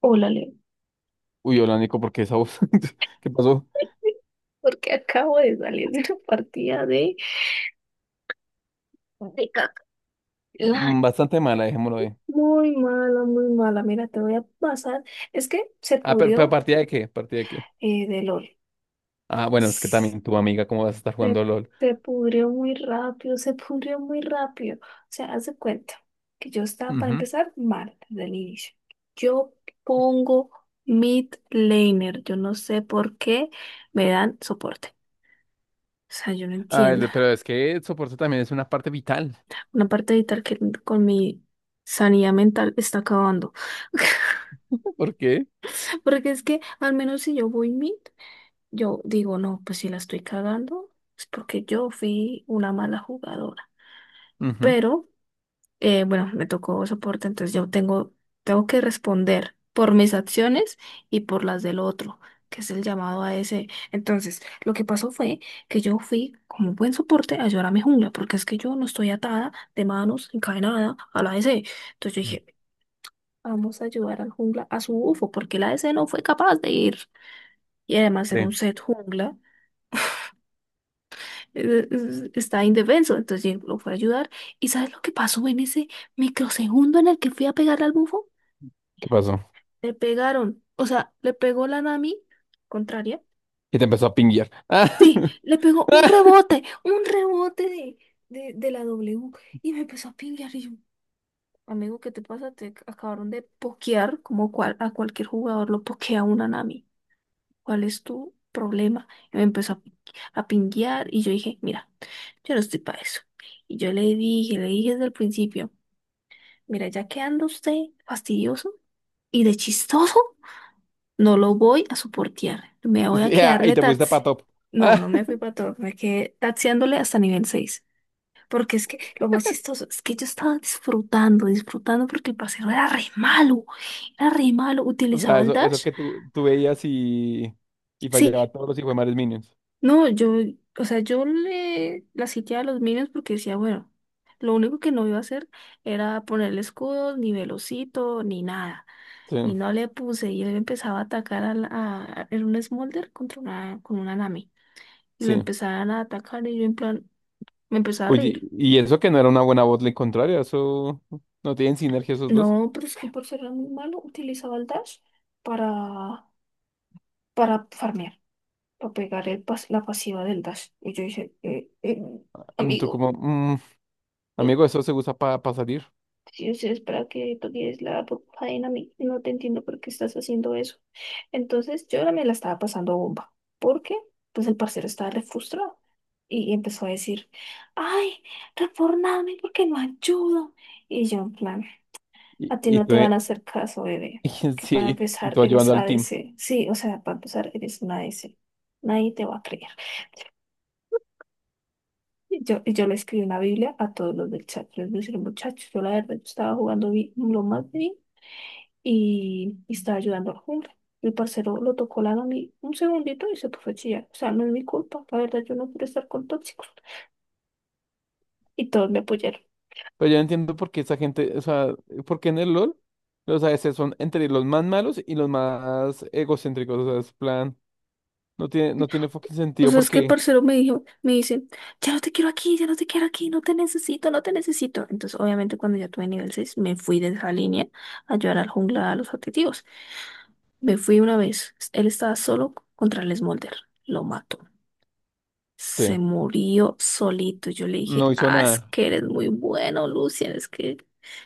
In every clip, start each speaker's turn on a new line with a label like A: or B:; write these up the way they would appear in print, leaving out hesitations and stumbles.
A: Hola, Leo.
B: Uy, hola Nico, ¿por qué esa voz? ¿Qué pasó?
A: Porque acabo de salir de una partida de caca. La-
B: Bastante mala, dejémoslo ahí.
A: Muy mala, muy mala. Mira, te voy a pasar. Es que se
B: Ah, pero
A: pudrió
B: ¿partida de qué? ¿Partida de qué?
A: de LOL.
B: Ah, bueno, es que
A: Se,
B: también tu amiga, ¿cómo vas a estar jugando LOL?
A: se pudrió muy rápido, se pudrió muy rápido. O sea, haz de cuenta que yo estaba, para
B: Ujú.
A: empezar, mal desde el inicio. Yo pongo mid laner. Yo no sé por qué me dan soporte. O sea, yo no
B: Ah,
A: entiendo.
B: pero es que el soporte también es una parte vital.
A: Una parte de vital que con mi sanidad mental está acabando.
B: ¿Por qué?
A: Porque es que al menos si yo voy mid, yo digo, no, pues si la estoy cagando, es porque yo fui una mala jugadora.
B: Ujú.
A: Pero, bueno, me tocó soporte. Entonces yo tengo que responder por mis acciones y por las del otro, que es el llamado a ese. Entonces, lo que pasó fue que yo fui como buen soporte a ayudar a mi jungla, porque es que yo no estoy atada de manos, encadenada a la ADC. Entonces yo dije, vamos a ayudar al jungla, a su bufo, porque la ADC no fue capaz de ir. Y además era
B: Sí.
A: un set jungla, está indefenso, entonces Jhin lo fue a ayudar. ¿Y sabes lo que pasó en ese microsegundo en el que fui a pegarle al bufo?
B: ¿Qué pasó?
A: Le pegaron, o sea, le pegó la Nami contraria.
B: Y te empezó a pinguear. Ah,
A: Sí, le pegó
B: ah,
A: un rebote de la W. Y me empezó a pinguear y yo, amigo, ¿qué te pasa? Te acabaron de pokear, como cual, a cualquier jugador lo pokea una Nami. ¿Cuál es tu problema? Y me empezó a pinguear y yo dije, mira, yo no estoy para eso. Y yo le dije desde el principio, mira, ya que anda usted fastidioso y de chistoso, no lo voy a soportar. Me
B: y
A: voy a
B: sí, ah, y
A: quedarle
B: te fuiste
A: taxi.
B: para top.
A: No,
B: Ah,
A: no me fui para todo, me quedé taxiándole hasta nivel 6. Porque es que lo más chistoso es que yo estaba disfrutando, disfrutando porque el paseo era re malo, era re malo.
B: o sea,
A: Utilizaba el
B: eso
A: dash.
B: que tú veías y
A: Sí.
B: fallaba todos los hijos de minions.
A: No, yo, o sea, yo le la sitiaba a los minions porque decía, bueno, lo único que no iba a hacer era ponerle escudos, ni velocito, ni nada.
B: Sí,
A: Y no le puse, y él empezaba a atacar era un Smolder contra una Nami. Y lo
B: sí.
A: empezaban a atacar y yo en plan, me empezaba a
B: Oye,
A: reír.
B: y eso que no era una buena botlane contraria, eso no tienen sinergia esos dos.
A: No, pero es que por ser muy malo, utilizaba el dash para, para farmear, para pegar la pasiva del dash. Y yo dije,
B: Tú
A: amigo.
B: como, "Mm, amigo, eso se usa para salir."
A: Sí, o sea, es para que toques la faena a mí. No te entiendo por qué estás haciendo eso. Entonces, yo ahora me la estaba pasando bomba. Porque, pues, el parcero estaba re frustrado. Y empezó a decir, ay, reformame porque no ayudo. Y yo, en plan, a ti
B: Y
A: no
B: tú,
A: te van a hacer caso, bebé. Porque para
B: sí, y
A: empezar,
B: tú
A: eres
B: ayudando
A: a
B: al team.
A: ADC. Sí, o sea, para empezar, eres una ADC. Nadie te va a creer. Yo le escribí una Biblia a todos los del chat. Yo les dije, muchachos, yo la verdad yo estaba jugando lo más bien, y estaba ayudando al jungla. El parcero lo tocó la mí un segundito y se puso a chillar. O sea, no es mi culpa. La verdad, yo no quiero estar con tóxicos. Y todos me apoyaron.
B: Pero yo no entiendo por qué esa gente, o sea, por qué en el LOL los ADC son entre los más malos y los más egocéntricos. O sea, es plan, no tiene fucking
A: O
B: sentido
A: sea, es que el
B: porque
A: parcero me dijo, me dice, ya no te quiero aquí, ya no te quiero aquí, no te necesito, no te necesito. Entonces, obviamente, cuando ya tuve nivel 6 me fui de esa línea a ayudar al jungla a los objetivos. Me fui una vez, él estaba solo contra el Smolder, lo mató.
B: sí,
A: Se murió solito. Yo le dije,
B: no hizo
A: ah, es
B: nada.
A: que eres muy bueno, Lucian, es que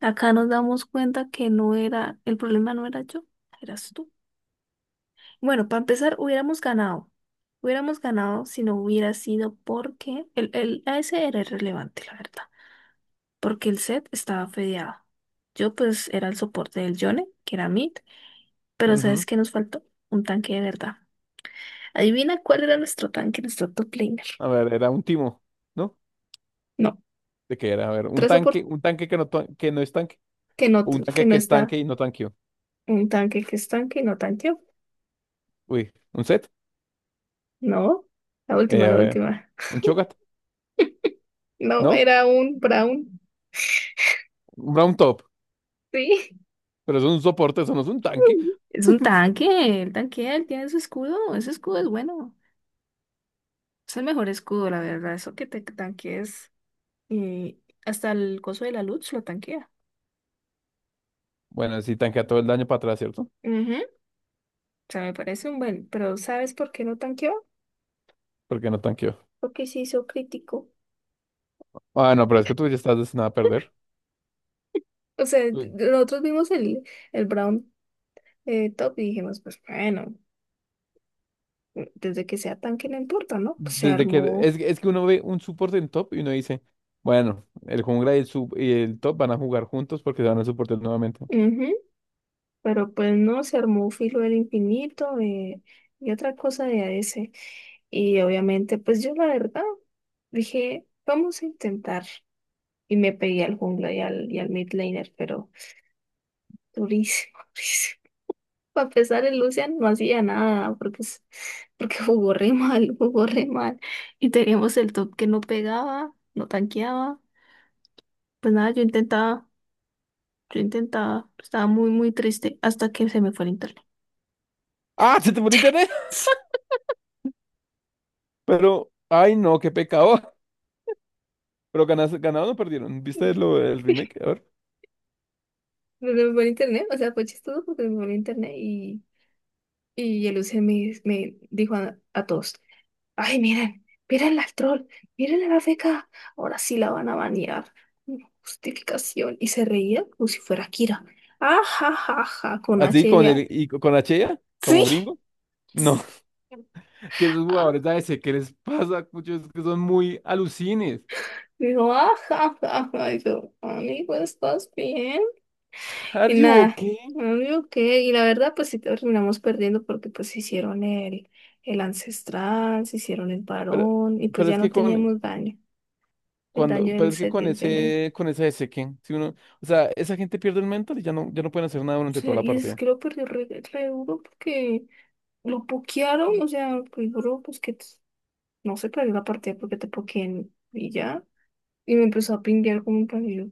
A: acá nos damos cuenta que no era, el problema no era yo, eras tú. Bueno, para empezar, hubiéramos ganado. Hubiéramos ganado si no hubiera sido porque el ese era irrelevante, la verdad. Porque el set estaba fedeado. Yo pues era el soporte del Yone, que era mid, pero ¿sabes
B: Ujú.
A: qué nos faltó? Un tanque de verdad. Adivina cuál era nuestro tanque, nuestro top laner.
B: A ver, era un timo, ¿no?
A: No,
B: ¿De qué era? A ver,
A: tres soportes
B: un tanque que no, que no es tanque,
A: que no,
B: o un
A: que
B: tanque
A: no
B: que es
A: está
B: tanque y no tanque.
A: un tanque que es tanque y no tanqueó.
B: Uy, un set,
A: No, la última,
B: a
A: la
B: ver,
A: última.
B: un Cho'Gath,
A: No,
B: ¿no?
A: era un Brown.
B: Un round top,
A: Sí.
B: pero eso es un soporte, eso no es un tanque.
A: Es un tanque, el tanque, él tiene su escudo, ese escudo es bueno, es el mejor escudo, la verdad, eso que te tanques, y hasta el coso de la luz lo tanquea.
B: Bueno, sí tanquea todo el daño para atrás, ¿cierto?
A: Ujú. O sea, me parece un buen, pero ¿sabes por qué no tanqueó?
B: ¿Porque no tanqueó?
A: Porque se hizo crítico.
B: Ah, no, pero es que tú ya estás destinado a perder.
A: O sea,
B: Tú-
A: nosotros vimos el Brown, top y dijimos, pues bueno, desde que sea tanque no importa, ¿no? Pues se
B: Desde que
A: armó.
B: es que uno ve un soporte en top y uno dice, bueno, el jungla y el sub y el top van a jugar juntos porque se van a soportar nuevamente.
A: Ujú. Pero pues no, se armó filo del infinito, y otra cosa de AS. Y obviamente, pues yo la verdad dije, vamos a intentar. Y me pegué al jungla y al mid laner, pero durísimo, durísimo. A pesar el Lucian no hacía nada, porque, porque jugó re mal, jugó re mal. Y teníamos el top que no pegaba, no tanqueaba. Pues nada, yo intentaba, yo intentaba. Estaba muy, muy triste hasta que se me fue el internet.
B: ¡Ah! ¡Se te fue el internet! Pero, ay no, qué pecado. Pero ganaste, ¿ganaron o perdieron? ¿Viste
A: Mm,
B: lo, el remake? A ver.
A: Pues se me fue el internet, o sea, fue chistoso porque se me fue el internet y el Lucian me dijo a todos. Ay, miren, miren al troll, miren a la beca. Ahora sí la van a banear. Justificación. Y se reía como si fuera Kira. Ajajaja, con
B: Así
A: H
B: con
A: ella.
B: el y con la Chea,
A: Sí.
B: como gringo.
A: Sí.
B: No, que esos
A: Ah,
B: jugadores a veces, ¿qué les pasa? Muchos que son muy alucines.
A: digo, ajajaja. Y yo, amigo, ¿estás bien?
B: ¿Are
A: Y
B: you
A: nada,
B: okay?
A: amigo, ¿qué? Y la verdad, pues sí terminamos perdiendo porque pues se hicieron el ancestral, se hicieron el
B: Pero,
A: varón y pues
B: pero
A: ya
B: es
A: no
B: que con
A: teníamos daño. El daño
B: cuando, pero
A: del
B: es que
A: set
B: con ese, con esa ese que, si uno, o sea, esa gente pierde el mental y ya no, ya no pueden hacer nada durante toda
A: sea,
B: la
A: y es
B: partida.
A: que lo perdió re duro porque lo pokearon, o sea, el duro, pues que no se perdió la partida porque te pokeen y ya. Y me empezó a pinguear como un panillo.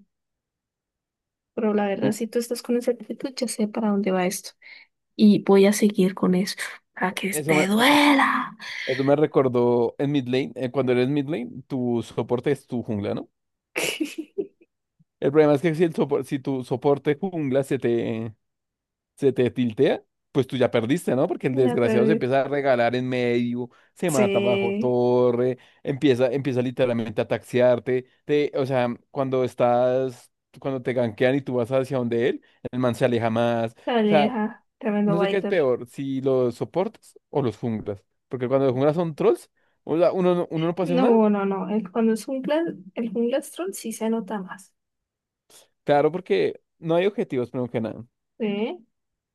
A: Pero la
B: Mm,
A: verdad, si tú estás con esa actitud, ya sé para dónde va esto. Y voy a seguir con eso. A que
B: Eso
A: te
B: me,
A: duela.
B: eso me recordó en mid lane, cuando eres mid lane, tu soporte es tu jungla, ¿no? El problema es que si el si tu soporte jungla se te tiltea, pues tú ya perdiste, ¿no? Porque el
A: La
B: desgraciado se
A: perdí.
B: empieza a regalar en medio, se mata bajo
A: Sí,
B: torre, empieza, empieza literalmente a taxiarte, te, o sea, cuando estás, cuando te gankean y tú vas hacia donde él, el man se aleja más,
A: la
B: o sea,
A: aleja. Tremendo
B: no sé qué es
A: biter.
B: peor, si los soportas o los junglas, porque cuando los junglas son trolls, o sea, uno, uno no pasa nada,
A: No, no, no. Cuando es un jungla, el jungla troll sí se nota más.
B: claro, porque no hay objetivos, primero que nada.
A: ¿Sí?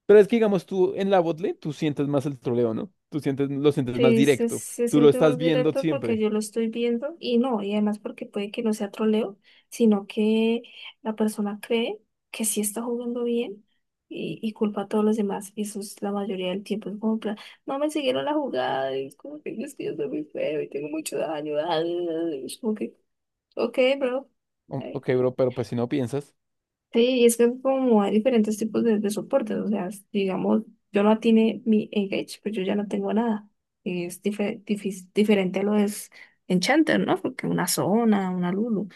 B: Pero es que, digamos, tú en la botlane, tú sientes más el troleo, ¿no? Tú sientes, lo sientes más
A: Sí, se,
B: directo.
A: se
B: Tú lo
A: siente
B: estás
A: más
B: viendo
A: directo porque
B: siempre.
A: yo lo estoy viendo y no, y además porque puede que no sea troleo, sino que la persona cree que sí está jugando bien y culpa a todos los demás. Y eso es la mayoría del tiempo. Es como, en plan, no me siguieron la jugada, y es como que es que yo soy muy feo y tengo mucho daño. ah. Es como que, ok, bro.
B: Ok, bro, pero pues si no piensas,
A: Sí, y es que como hay diferentes tipos de soportes, o sea, digamos, yo no tiene mi Engage, pues yo ya no tengo nada. Es diferente a lo de Enchanter, ¿no? Porque una zona, una Lulu,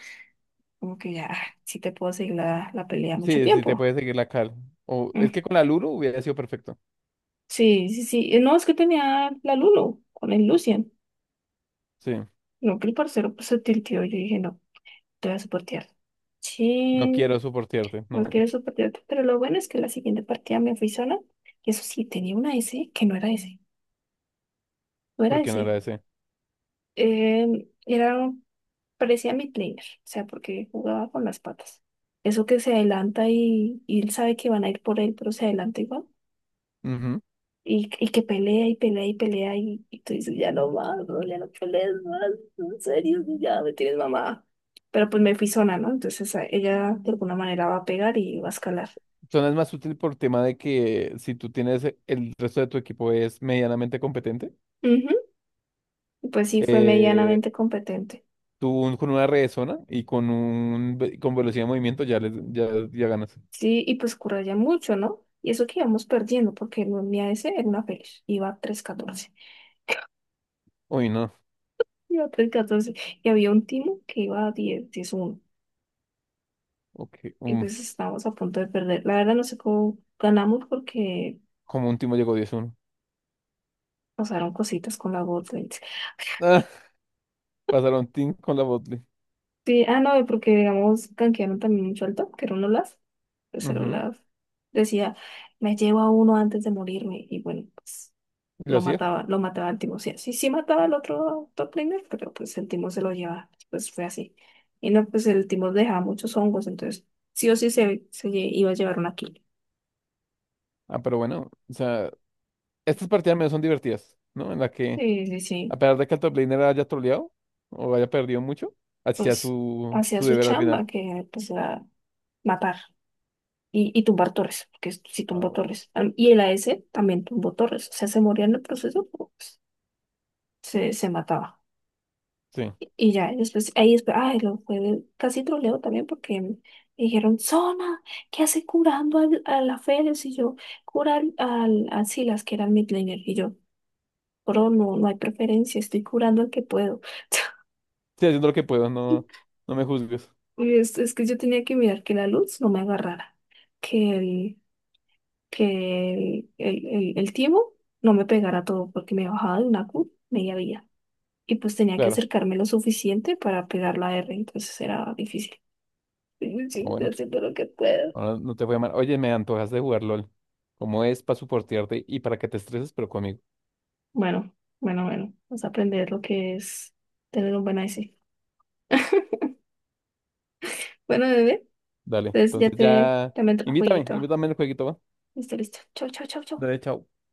A: como que ya, ah, sí te puedo seguir la pelea mucho
B: sí, sí te
A: tiempo.
B: puede seguir la cal. O es
A: Mm.
B: que con la Lulu hubiera sido perfecto.
A: Sí, sí, sí. No, es que tenía la Lulu con el Lucian.
B: Sí,
A: No, que el parcero pues, se tilteó. Yo dije, no, te voy a soportear.
B: no
A: Sí,
B: quiero soportearte,
A: no
B: no,
A: quiero soportearte. Pero lo bueno es que la siguiente partida me fui sola. Y eso sí, tenía una S que no era S. No era
B: porque no
A: ese.
B: era ese.
A: Era, parecía midlaner, o sea, porque jugaba con las patas. Eso que se adelanta y él sabe que van a ir por él, pero se adelanta igual.
B: Ujú.
A: Y que pelea y pelea y pelea y tú dices, ya no más, no, ya no pelees más, en serio, ya me tienes mamá. Pero pues me fui zona, ¿no? Entonces ella de alguna manera va a pegar y va a escalar.
B: Son es más útil por tema de que si tú tienes el resto de tu equipo es medianamente competente,
A: Ujú. Y pues sí, fue
B: eh,
A: medianamente competente.
B: tú con una red de zona y con un con velocidad de movimiento ya les, ya, ya ganas.
A: Sí, y pues ya mucho, ¿no? Y eso que íbamos perdiendo, porque el día ese era una feliz,
B: Uy, no.
A: iba 3-14 y había un timo que iba a 10-10-1
B: Ok.
A: y
B: mm.
A: pues estábamos a punto de perder. La verdad no sé cómo ganamos porque
B: Como un Timo llegó 10-1.
A: pasaron cositas con la bot lanes.
B: Pasaron team con la botlane.
A: Sí, ah, no, porque digamos, canquearon también mucho al top, que era un Olaf, pues el
B: Ujú,
A: Olaf decía, me llevo a uno antes de morirme, y bueno, pues
B: y lo
A: lo
B: hacía.
A: mataba, lo mataba al Timo. Sí, sí, sí mataba al otro top laner, pero pues el Timo se lo llevaba. Pues fue así. Y no, pues el Timo dejaba muchos hongos, entonces sí o sí se iba a llevar una kill.
B: Ah, pero bueno, o sea, estas partidas menos son divertidas, ¿no? En la que,
A: Sí, sí,
B: a
A: sí.
B: pesar de que el top laner haya troleado o haya perdido mucho, hacía
A: Pues hacía
B: su
A: su
B: deber al final.
A: chamba, que pues era matar y tumbar torres, porque sí
B: Ah,
A: tumbó
B: bueno.
A: torres. Y el a s también tumbó torres. O sea, se moría en el proceso, pero, pues se mataba.
B: Sí,
A: Y ya, y después, ahí después, ay, lo fue, casi troleo también porque me dijeron, Zona, ¿qué hace curando a la Félix? Y yo, curar a Silas, que era el midlaner. Y yo, bro, no, no hay preferencia, estoy curando al que puedo.
B: sí, haciendo lo que puedo, no, no me juzgues.
A: Y es que yo tenía que mirar que la luz no me agarrara, que que el, el, el timo no me pegara todo, porque me bajaba de una Q media vía. Y pues tenía que
B: Claro.
A: acercarme lo suficiente para pegar la R, entonces era difícil. Sí, sí,
B: Ah,
A: estoy
B: bueno,
A: haciendo lo que puedo.
B: ahora no te voy a llamar. Oye, me antojas de jugar LOL. Como es para soportarte y para que te estreses, pero conmigo.
A: Bueno, bueno, bueno, vas a aprender lo que es tener un buen IC. Bueno, bebé,
B: Dale,
A: entonces ya
B: entonces
A: te,
B: ya,
A: ya me el
B: invítame,
A: jueguito.
B: invítame al jueguito, va.
A: Listo, listo. Chau, chau, chau, chau.
B: Dale, chao.